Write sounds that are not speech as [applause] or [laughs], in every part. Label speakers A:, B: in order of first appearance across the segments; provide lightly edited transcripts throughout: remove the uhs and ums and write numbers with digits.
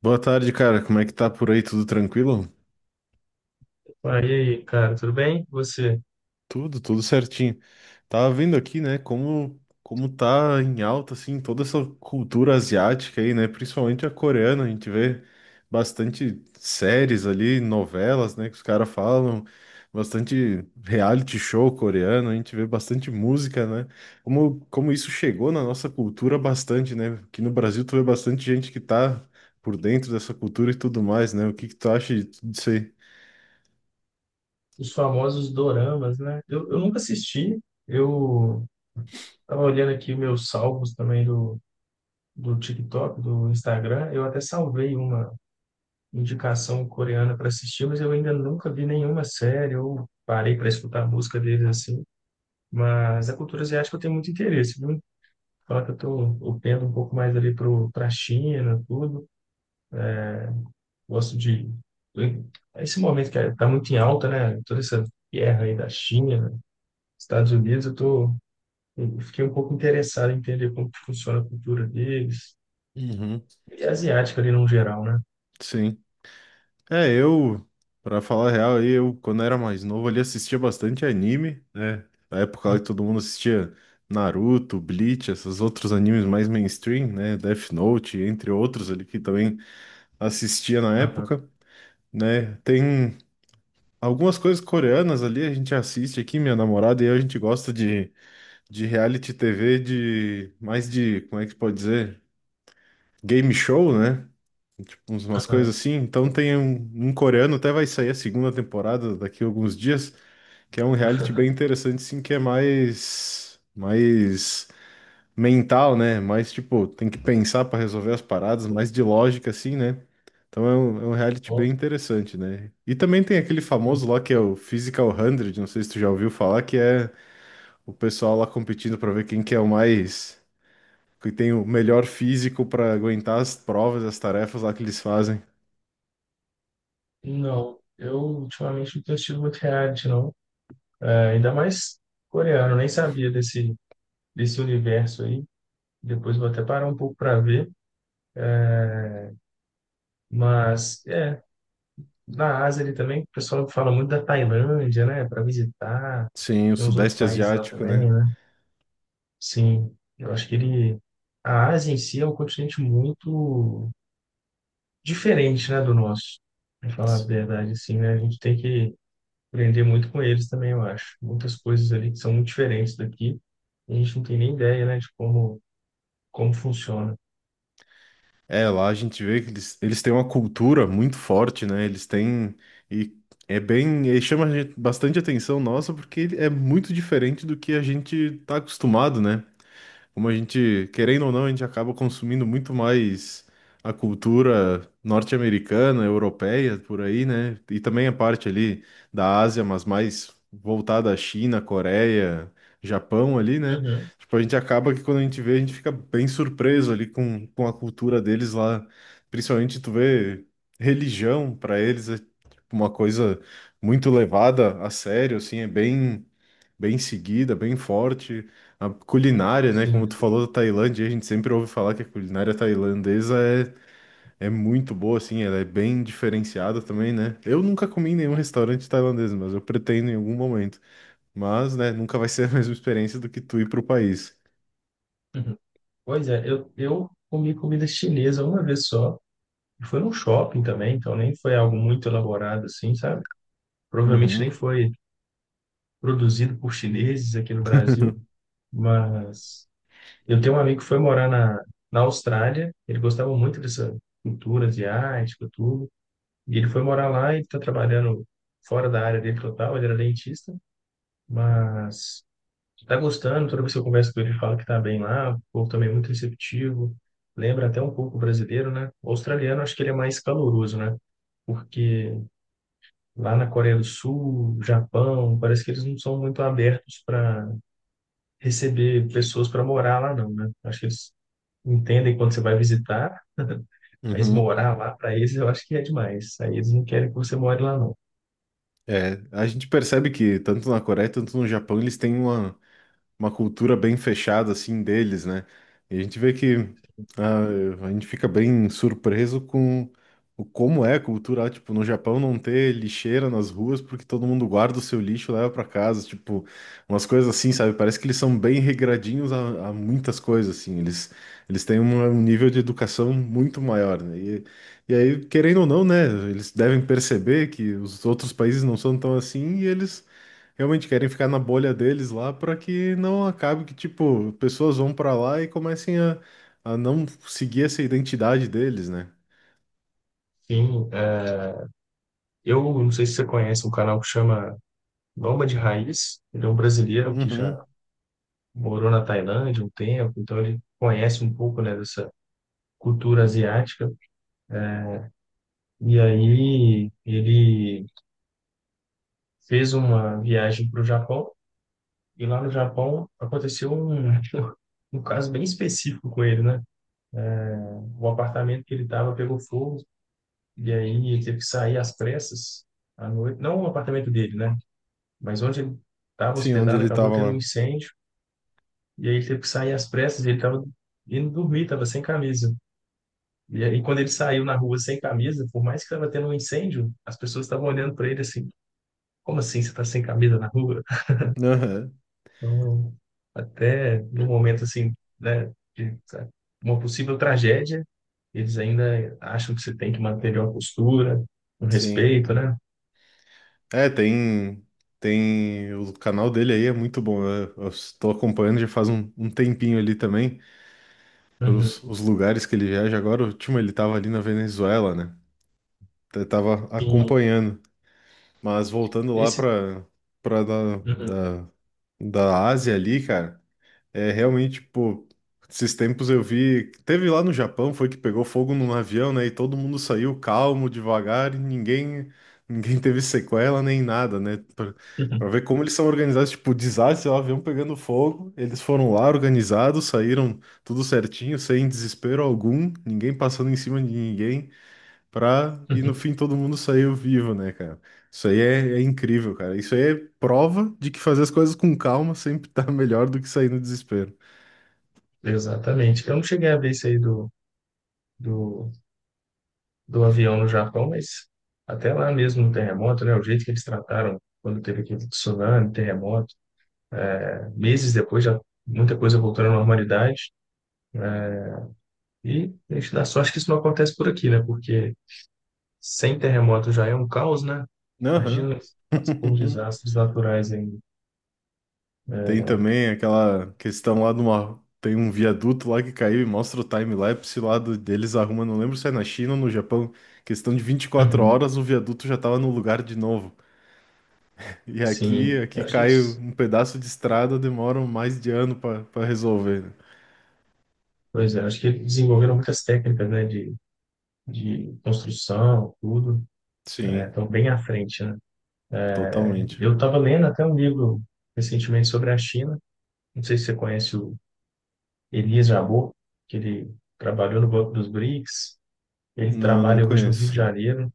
A: Boa tarde, cara. Como é que tá por aí? Tudo tranquilo?
B: Ah, e aí, cara, tudo bem? Você?
A: Tudo certinho. Tava vendo aqui, né, como tá em alta assim toda essa cultura asiática aí, né, principalmente a coreana, a gente vê bastante séries ali, novelas, né, que os caras falam, bastante reality show coreano, a gente vê bastante música, né? Como isso chegou na nossa cultura bastante, né? Aqui no Brasil tu vê bastante gente que tá por dentro dessa cultura e tudo mais, né? O que que tu acha disso aí?
B: Os famosos doramas, né? Eu nunca assisti. Eu tava olhando aqui meus salvos também do TikTok, do Instagram. Eu até salvei uma indicação coreana para assistir, mas eu ainda nunca vi nenhuma série. Eu parei para escutar a música deles assim. Mas a cultura asiática eu tenho muito interesse, viu? Só que eu tô, Eu pendo um pouco mais ali pra China, tudo. Gosto de. Esse momento tá muito em alta, né? Toda essa guerra aí da China, Estados Unidos. Eu fiquei um pouco interessado em entender como que funciona a cultura deles.
A: Uhum.
B: E asiática ali no geral, né?
A: Sim. É, eu, pra falar a real, aí, eu, quando era mais novo, ali assistia bastante anime, né? Na época
B: Hum.
A: ali todo mundo assistia Naruto, Bleach, esses outros animes mais mainstream, né? Death Note, entre outros ali que também assistia na
B: Aham,
A: época, né? Tem algumas coisas coreanas ali, a gente assiste aqui, minha namorada e eu, a gente gosta de reality TV de mais de, como é que pode dizer? Game show, né? Tipo, umas coisas
B: aham.
A: assim. Então tem um coreano, até vai sair a segunda temporada daqui a alguns dias, que é um reality bem
B: [laughs]
A: interessante, sim, que é mais mental, né? Mais tipo, tem que pensar para resolver as paradas, mais de lógica, assim, né? Então é um reality
B: Bom.
A: bem interessante, né? E também tem aquele famoso lá que é o Physical 100, não sei se tu já ouviu falar, que é o pessoal lá competindo para ver quem que é o mais que tem o melhor físico para aguentar as provas, as tarefas lá que eles fazem.
B: Não, eu ultimamente não tenho assistido muito reality, não. É, ainda mais coreano, nem sabia desse universo aí. Depois vou até parar um pouco para ver. Mas, é, na Ásia ali também, o pessoal fala muito da Tailândia, né? Para visitar.
A: Sim, o
B: Tem uns outros
A: Sudeste
B: países lá
A: Asiático,
B: também,
A: né?
B: né? Sim, eu acho que ele. A Ásia em si é um continente muito diferente, né, do nosso. Pra falar a verdade, assim, né? A gente tem que aprender muito com eles também, eu acho. Muitas coisas ali que são muito diferentes daqui. A gente não tem nem ideia, né, de como, como funciona.
A: É, lá a gente vê que eles têm uma cultura muito forte, né? Eles têm. E é bem. E bastante atenção nossa, porque ele é muito diferente do que a gente tá acostumado, né? Como a gente, querendo ou não, a gente acaba consumindo muito mais a cultura norte-americana, europeia, por aí, né? E também a parte ali da Ásia, mas mais voltada à China, Coreia, Japão ali, né?
B: Uhum.
A: Tipo, a gente acaba que quando a gente vê, a gente fica bem surpreso ali com a cultura deles lá. Principalmente tu vê religião para eles, é tipo, uma coisa muito levada a sério, assim, é bem seguida, bem forte. A culinária, né? Como tu
B: Sim.
A: falou da Tailândia, a gente sempre ouve falar que a culinária tailandesa é, é muito boa, assim, ela é bem diferenciada também, né? Eu nunca comi em nenhum restaurante tailandês, mas eu pretendo em algum momento. Mas, né, nunca vai [laughs] ser a mesma experiência do que tu ir pro país.
B: Uhum. Pois é, eu comi comida chinesa uma vez só. E foi num shopping também, então nem foi algo muito elaborado assim, sabe? Provavelmente
A: Uhum.
B: nem foi produzido por chineses aqui no Brasil,
A: [laughs]
B: mas eu tenho um amigo que foi morar na Austrália. Ele gostava muito dessa cultura asiática, tudo, e ele foi morar lá e está trabalhando fora da área dele total, ele era dentista, mas está gostando. Toda vez que eu converso com ele, ele fala que está bem lá, o povo também é muito receptivo, lembra até um pouco o brasileiro, né? O australiano acho que ele é mais caloroso, né? Porque lá na Coreia do Sul, Japão, parece que eles não são muito abertos para receber pessoas para morar lá, não, né? Acho que eles entendem quando você vai visitar, mas
A: Uhum.
B: morar lá para eles eu acho que é demais. Aí eles não querem que você more lá, não.
A: É, a gente percebe que tanto na Coreia, tanto no Japão, eles têm uma cultura bem fechada assim deles, né? E a gente vê que ah, a gente fica bem surpreso com o como é a cultura lá. Tipo, no Japão não ter lixeira nas ruas porque todo mundo guarda o seu lixo e leva para casa, tipo, umas coisas assim, sabe? Parece que eles são bem regradinhos a muitas coisas assim. Eles têm um nível de educação muito maior, né? E aí, querendo ou não, né, eles devem perceber que os outros países não são tão assim e eles realmente querem ficar na bolha deles lá para que não acabe que, tipo, pessoas vão para lá e comecem a não seguir essa identidade deles, né?
B: Enfim, é, eu não sei se você conhece um canal que chama Nômade de Raiz. Ele é um brasileiro que já
A: Uhum.
B: morou na Tailândia um tempo, então ele conhece um pouco, né, dessa cultura asiática. E aí ele fez uma viagem para o Japão. E lá no Japão aconteceu um, [laughs] um caso bem específico com ele, né? O apartamento que ele estava pegou fogo. E aí ele teve que sair às pressas à noite, não o apartamento dele, né? Mas onde ele estava
A: Sim, onde
B: hospedado
A: ele
B: acabou
A: tava
B: tendo um
A: lá.
B: incêndio. E aí ele teve que sair às pressas, e ele estava indo dormir, estava sem camisa. E aí quando ele saiu na rua sem camisa, por mais que estava tendo um incêndio, as pessoas estavam olhando para ele assim: como assim você está sem camisa na rua?
A: Aham.
B: Então, até no momento assim, né, de sabe, uma possível tragédia, eles ainda acham que você tem que manter uma postura, um
A: Sim.
B: respeito, né?
A: É, tem, tem. O canal dele aí é muito bom. Eu estou acompanhando já faz um tempinho ali também, pelos
B: Uhum.
A: os lugares que ele viaja. Agora, o último ele tava ali na Venezuela, né? Eu tava
B: Sim,
A: acompanhando. Mas voltando lá
B: esse
A: para para da,
B: uhum,
A: da, da Ásia ali, cara, é realmente, tipo, esses tempos eu vi, teve lá no Japão, foi que pegou fogo num avião, né, e todo mundo saiu calmo, devagar, e ninguém [laughs] teve sequela nem nada, né? Pra
B: uhum,
A: ver como eles são organizados, tipo, desastre, o avião pegando fogo, eles foram lá organizados, saíram tudo certinho, sem desespero algum, ninguém passando em cima de ninguém pra... E no
B: uhum.
A: fim todo mundo saiu vivo, né, cara? Isso aí é, é incrível, cara. Isso aí é prova de que fazer as coisas com calma sempre tá [laughs] melhor do que sair no desespero.
B: Exatamente. Eu não cheguei a ver isso aí do, do avião no Japão, mas até lá mesmo no terremoto, né? O jeito que eles trataram quando teve aquele tsunami, terremoto, né, meses depois já muita coisa voltando à normalidade. E a gente dá sorte que isso não acontece por aqui, né? Porque sem terremoto já é um caos, né?
A: Aham.
B: Imagina por
A: [laughs]
B: desastres naturais aí.
A: Tem também aquela questão lá de uma. Tem um viaduto lá que caiu e mostra o time-lapse lá deles arrumando. Não lembro se é na China ou no Japão. Questão de vinte e quatro
B: Uhum.
A: horas, o viaduto já tava no lugar de novo. E
B: Sim,
A: aqui
B: eu acho que,
A: cai um pedaço de estrada, demora mais de ano pra resolver, né?
B: pois é, acho que eles desenvolveram muitas técnicas, né, de construção, tudo.
A: Sim,
B: Estão bem à frente, né?
A: totalmente.
B: Eu estava lendo até um livro recentemente sobre a China. Não sei se você conhece o Elias Jabbour, que ele trabalhou no Banco dos BRICS. Ele
A: Não, não
B: trabalha hoje no Rio de
A: conheço.
B: Janeiro.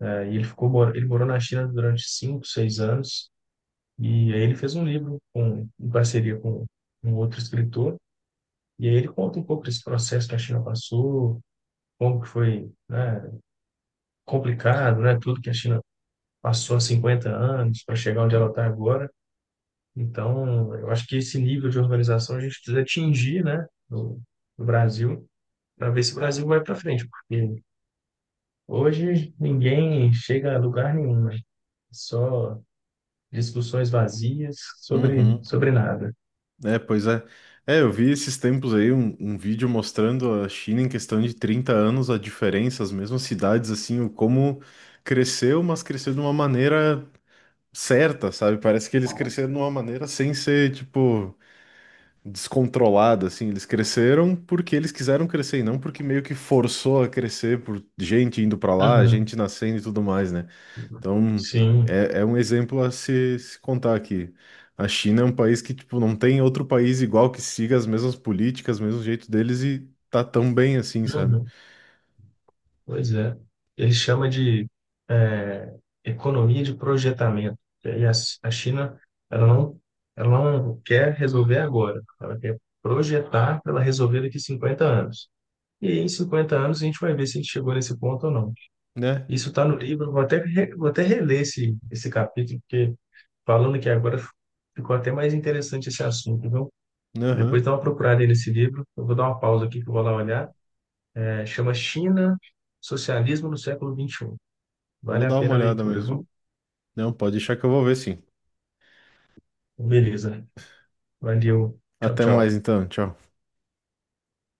B: E ele morou na China durante cinco, seis anos. E aí ele fez um livro com, em parceria com um outro escritor. E aí ele conta um pouco desse processo que a China passou, como que foi, né, complicado, né? Tudo que a China passou há 50 anos para chegar onde ela está agora. Então, eu acho que esse nível de organização a gente precisa atingir, né, no Brasil, para ver se o Brasil vai para frente, porque hoje ninguém chega a lugar nenhum, né? Só discussões vazias
A: Uhum.
B: sobre nada.
A: É, pois é. É, eu vi esses tempos aí um vídeo mostrando a China em questão de 30 anos, a diferença, as mesmas cidades, assim, o como cresceu, mas cresceu de uma maneira certa, sabe? Parece que eles cresceram de uma maneira sem ser, tipo, descontrolada, assim. Eles cresceram porque eles quiseram crescer e não porque meio que forçou a crescer por gente indo pra lá,
B: Uhum.
A: gente nascendo e tudo mais, né? Então,
B: Sim,
A: é, é um exemplo a se contar aqui. A China é um país que, tipo, não tem outro país igual que siga as mesmas políticas, mesmo jeito deles e tá tão bem assim, sabe?
B: uhum. Pois é. Ele chama de é, economia de projetamento. E aí a China, ela não, ela não quer resolver agora, ela quer projetar para ela resolver daqui 50 anos. E aí, em 50 anos, a gente vai ver se a gente chegou nesse ponto ou não.
A: Né?
B: Isso está no livro, eu vou até, vou até reler esse capítulo, porque falando aqui agora ficou até mais interessante esse assunto, viu? Depois
A: Aham.
B: dá uma procurada aí nesse livro, eu vou dar uma pausa aqui que eu vou lá olhar. É, chama China, Socialismo no Século 21. Vale
A: Vou
B: a
A: dar uma
B: pena a
A: olhada
B: leitura,
A: mesmo.
B: viu?
A: Não, pode deixar que eu vou ver sim.
B: Beleza, valeu, tchau,
A: Até mais
B: tchau.
A: então. Tchau.